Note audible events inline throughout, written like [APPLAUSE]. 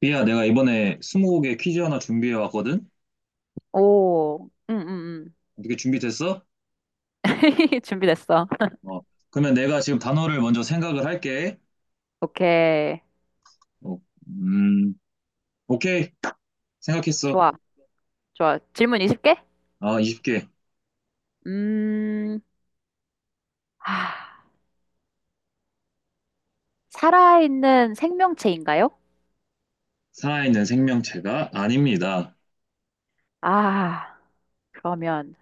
비야, 내가 이번에 스무고개 퀴즈 하나 준비해 왔거든? 오, 응, 응, 응. 어떻게 준비됐어? [LAUGHS] 준비됐어. 어, 그러면 내가 지금 단어를 먼저 생각을 할게. 오케이. 어, 음, 오케이. 생각했어. 좋아, 좋아. 질문 20개? 아, 20개. 음, 아, 살아있는 생명체인가요? 살아있는 생명체가 아닙니다. 아, 그러면,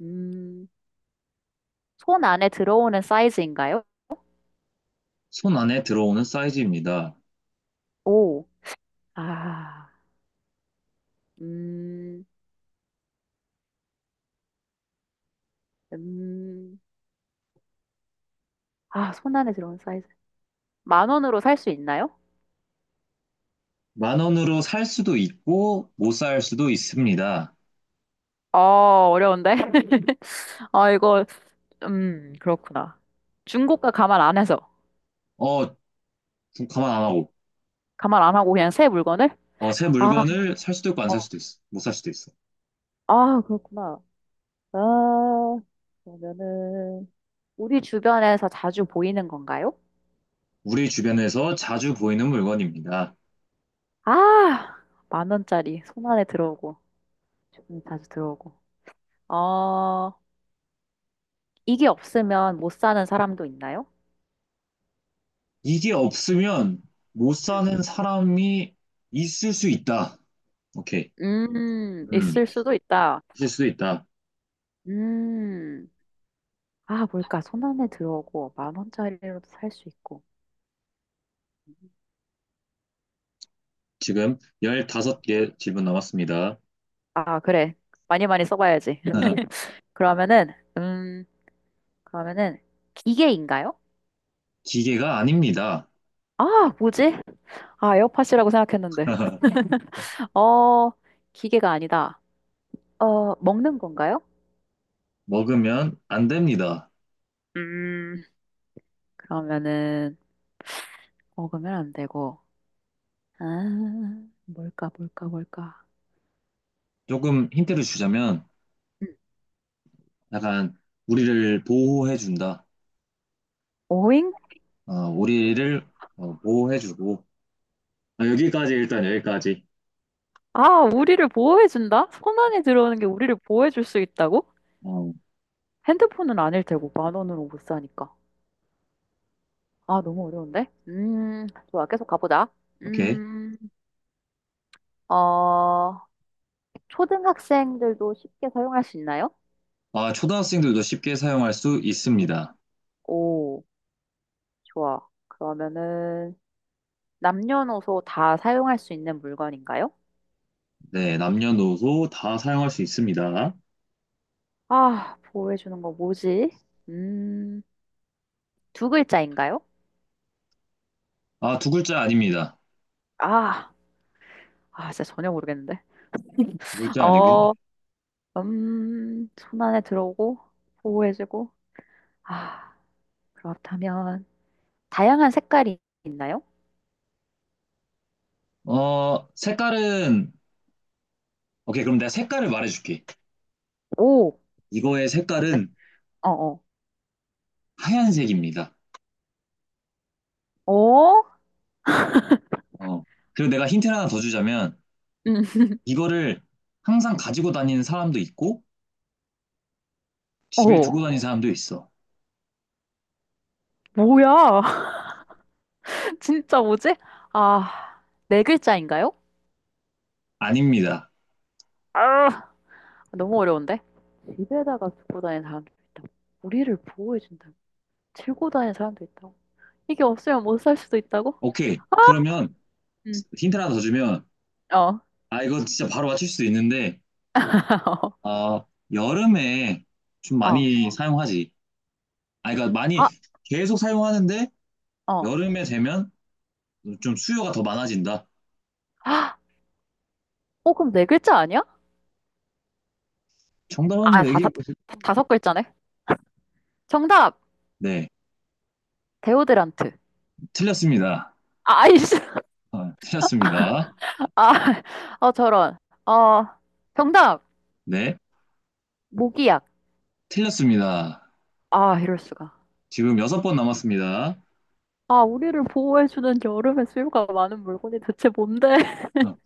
음, 손 안에 들어오는 사이즈인가요? 손 안에 들어오는 사이즈입니다. 오, 아, 음, 음, 아, 손 안에 들어오는 사이즈. 만 원으로 살 수 있나요? 만 원으로 살 수도 있고, 못 살 수도 있습니다. 어, 어려운데? [LAUGHS] 아, 이거, 그렇구나. 중고가 감안 안 해서. 어, 가만 안 하고. 가말 안 하고 그냥 새 물건을? 어, 새 아, 물건을 살 수도 있고, 안 어, 살 수도 있어. 못 살 수도 있어. 아, 그렇구나. 아, 그러면은, 우리 주변에서 자주 보이는 건가요? 우리 주변에서 자주 보이는 물건입니다. 아, 만 원짜리 손 안에 들어오고, 주변에 자주 들어오고. 어, 이게 없으면 못 사는 사람도 있나요? 이게 없으면 못 음, 사는 사람이 있을 수 있다. 오케이. 음, 있을 수도 있다. 있을 수도 있다. 음, 아, 뭘까? 손 안에 들어오고, 만 원짜리로도 살 수 있고. 지금 15개 질문 남았습니다. 아, 그래. 많이 많이 써봐야지. [LAUGHS] [LAUGHS] 그러면은, 그러면은, 기계인가요? 기계가 아닙니다. 아, 뭐지? 아, 에어팟이라고 생각했는데. [LAUGHS] 어, 기계가 아니다. 어, 먹는 건가요? 먹으면 안 됩니다. 음, 그러면은, 먹으면 안 되고. 아, 뭘까, 뭘까, 뭘까. 조금 힌트를 주자면 음, 약간 우리를 보호해 준다. 오잉? 어, 우리를 보호해 주고 여기까지. 아, 우리를 보호해준다? 손 안에 들어오는 게 우리를 보호해줄 수 있다고? 어, 핸드폰은 아닐 테고, 만 원으로 못 사니까. 아, 너무 어려운데? 좋아, 계속 가보자. 오케이. 음, 어, 초등학생들도 쉽게 사용할 수 있나요? 아, 초등학생들도 쉽게 사용할 수 있습니다. 오. 좋아. 그러면은 남녀노소 다 사용할 수 있는 물건인가요? 네, 남녀노소 다 사용할 수 있습니다. 아, 보호해주는 거 뭐지? 음, 두 글자인가요? 아, 두 글자 아닙니다. 아, 아, 진짜 전혀 모르겠는데. 두 [LAUGHS] 글자 아니고. 어, 손 안에 들어오고, 보호해주고. 아, 그렇다면, 다양한 색깔이 있나요? 어, 색깔은, 오케이, 그럼 내가 색깔을 말해줄게. 오, 이거의 뭔데? 색깔은 어어. 하얀색입니다. 어? 어? 어. 그리고 내가 힌트를 하나 더 주자면, 음, 이거를 항상 가지고 다니는 사람도 있고, 집에 어. 두고 다니는 사람도 있어. 뭐야? [LAUGHS] 진짜 뭐지? 아, 네 글자인가요? 아닙니다. 아, 너무 어려운데? 집에다가 두고 다니는 사람도 있다고. 우리를 보호해준다고. 들고 다니는 사람도 있다고. 이게 없으면 못 살 수도 있다고? 오케이, 아! 그러면 음, 힌트를 하나 더 주면, 어. 아, 이거 진짜 바로 맞출 수도 있는데, [LAUGHS] 어 여름에 좀 어. 많이 사용하지. 아, 그러니까 많이 아, 계속 사용하는데, 어. 여름에 되면 좀 수요가 더 많아진다. 아, 어, 그럼 네 글자 아니야? 정답 아, 한번 얘기해 보세요. 다섯 글자네. 정답! 네, 데오드란트. 틀렸습니다. 아, 아이씨. 아, 틀렸습니다. 아, 어, 저런. 어, 정답! 네, 모기약. 틀렸습니다. 아, 이럴 수가. 지금 여섯 번 남았습니다. 아, 우리를 보호해주는 여름에 수요가 많은 물건이 대체 뭔데? [LAUGHS] 어,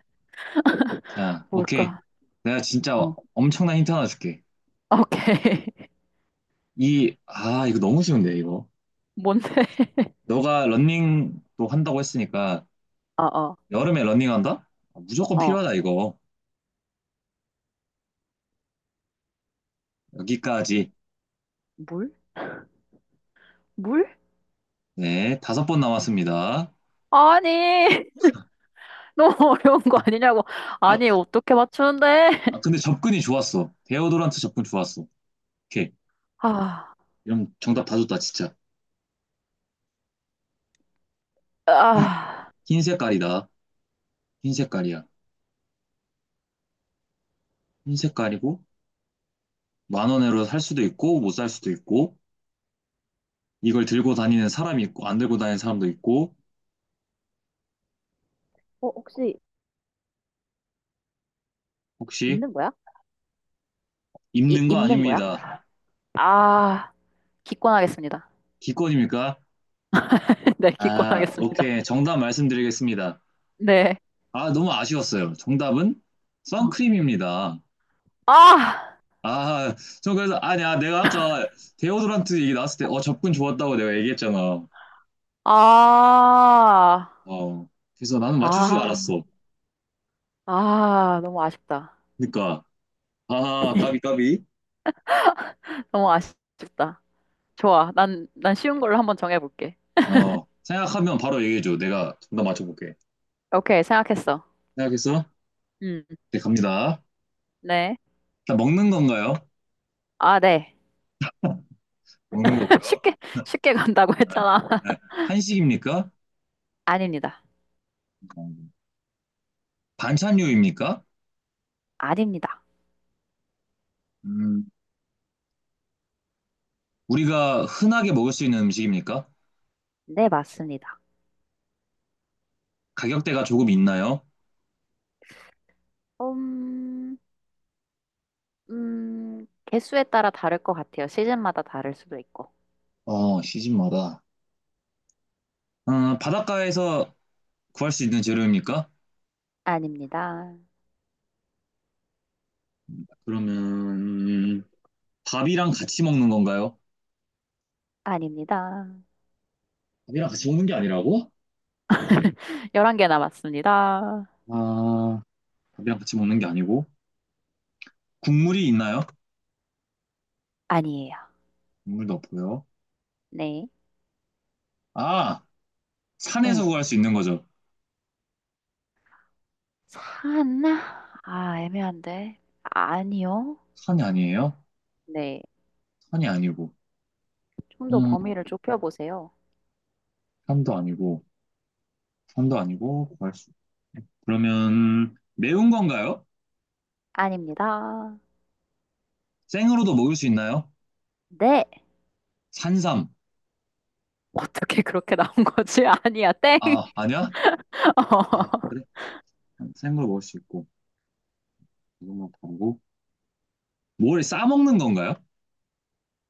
자, 오케이. 뭘까? 내가 진짜 어. 엄청난 힌트 하나 줄게. 아, 오케이. [LAUGHS] 이거 너무 쉬운데, 이거. 뭔데? [LAUGHS] 너가 런닝도 한다고 했으니까, 어, 어. 여름에 런닝한다? 아, 무조건 어, 필요하다, 이거. 여기까지. 물? 물? 네, 다섯 번 남았습니다. 아니, [LAUGHS] 너무 어려운 거 아니냐고. 아, 아니, 어떻게 맞추는데? 아, 근데 [LAUGHS] 접근이 좋았어. 데오도란트 접근 좋았어. 오케이. 아, 이런 정답 다 줬다, 진짜. 아, 흰 색깔이다. 흰 색깔이야. 흰 색깔이고, 만 원으로 살 수도 있고, 못 살 수도 있고, 이걸 들고 다니는 사람이 있고, 안 들고 다니는 사람도 있고, 어, 혹시 혹시 입는 거야? 이, 입는 거 입는 거야? 아닙니다. 아, 기권하겠습니다. 기권입니까? [LAUGHS] 네, 아, 기권하겠습니다. 오케이. 정답 말씀드리겠습니다. 네. 아, 너무 아쉬웠어요. 정답은 어, 선크림입니다. 아, 아, 저 그래서, 아니, 아, 내가 아까 데오드란트 얘기 나왔을 때, 어, 접근 좋았다고 내가 얘기했잖아. 아, 어, 그래서 나는 맞출 줄 아, 알았어. 아, 너무 아쉽다. 그러니까, 아, 까비, 까비. 너무 아쉽다. 좋아. 난 쉬운 걸로 한번 정해볼게. 어, 생각하면 바로 얘기해줘. 내가 정답 맞춰볼게. 오케이, 생각했어. 생각했어? 음, 네, 갑니다. 네. 자 먹는 건가요? 아, 네. 먹는 [LAUGHS] 거고요. 쉽게, [LAUGHS] 쉽게 간다고 네. 했잖아. 네. [LAUGHS] 한식입니까? 아닙니다. 반찬류입니까? 아닙니다. 음, 우리가 흔하게 먹을 수 있는 음식입니까? 네, 맞습니다. 가격대가 조금 있나요? 음, 개수에 따라 다를 것 같아요. 시즌마다 다를 수도 있고. 어, 시즌마다. 어, 바닷가에서 구할 수 있는 재료입니까? 아닙니다. 그러면 음, 밥이랑 같이 먹는 건가요? 아닙니다. 밥이랑 같이 먹는 게 아니라고? [LAUGHS] 11개 남았습니다. 아, 밥이랑 같이 먹는 게 아니고 국물이 있나요? 아니에요. 국물도 없고요. 네. 아, 산에서 응. 구할 수 있는 거죠. 사나? 아, 애매한데. 아니요. 산이 아니에요? 네. 산이 아니고, 좀 더 음, 범위를 좁혀보세요. 산도 아니고, 산도 아니고 구할 수. 그러면 매운 건가요? 아닙니다. 생으로도 먹을 수 있나요? 네. 산삼. 어떻게 그렇게 나온 거지? [LAUGHS] 아니야, 땡. 아, 아니야? [LAUGHS] 예, 어. 그래. 생으로 먹을 수 있고, 이것만 보고. 뭘 싸먹는 건가요?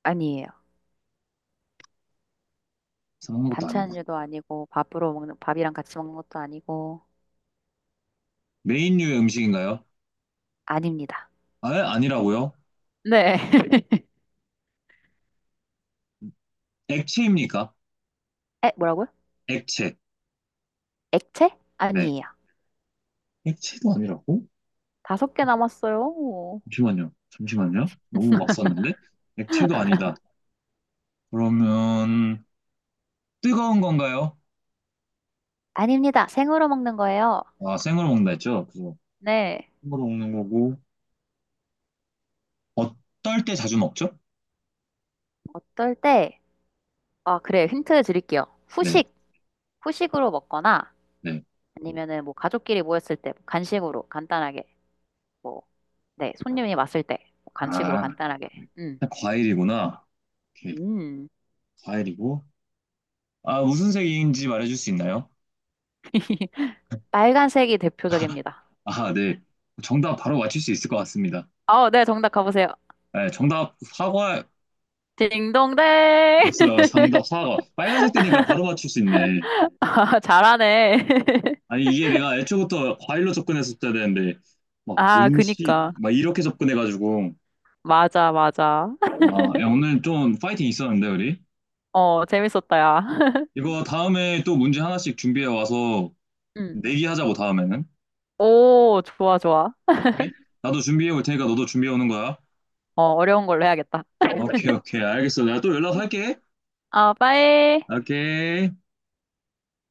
아니에요. 싸먹는 것도 아니고. 반찬류도 아니고 밥으로 먹는 밥이랑 같이 먹는 것도 아니고 메인류의 음식인가요? 아닙니다. 아, 아니라고요? 네. [LAUGHS] 액체입니까? 에, 뭐라고요? 액체. 액체? 네. 아니에요. 액체도 아니라고? 다섯 개 남았어요. 잠시만요. 잠시만요. 너무 막 썼는데? 액체도 아니다. [LAUGHS] 그러면 뜨거운 건가요? 아닙니다. 생으로 먹는 거예요. 아, 생으로 먹는다 했죠? 그 네. 생으로 먹는 거고 어떨 때 자주 먹죠? 어떨 때, 아, 그래. 힌트 드릴게요. 네, 후식, 후식으로 먹거나 네. 아니면은 뭐 가족끼리 모였을 때 뭐 간식으로 간단하게 뭐, 네. 손님이 왔을 때 뭐 간식으로 아, 간단하게. 네. 음. 과일이구나. 오케이, 음. 과일이고. 아, 무슨 색인지 말해줄 수 있나요? [LAUGHS] 빨간색이 대표적입니다. 아, 네. 정답 바로 맞출 수 있을 것 같습니다. 어, 네, 정답 가보세요. 네, 정답 사과. 딩동댕! [LAUGHS] 맞아요. 정답 사과. 빨간색 되니까 바로 맞출 수 있네. 아, 잘하네. [LAUGHS] 아니, 이게 내가 애초부터 과일로 접근했었어야 되는데, 막 아, 음식, 그니까. 막 이렇게 접근해가지고. 맞아, 맞아. 아, 야, 오늘 좀 파이팅 있었는데, 우리? 어, 재밌었다, 야. 이거 다음에 또 문제 하나씩 준비해 와서 음. 내기하자고, 다음에는. 오, 좋아, 좋아. 오케이? 나도 준비해 올 테니까 너도 준비해 오는 거야. 어, 어려운 걸로 해야겠다. 오케이, 오케이. 알겠어. 내가 또 연락할게. 어, 빠이. 오케이.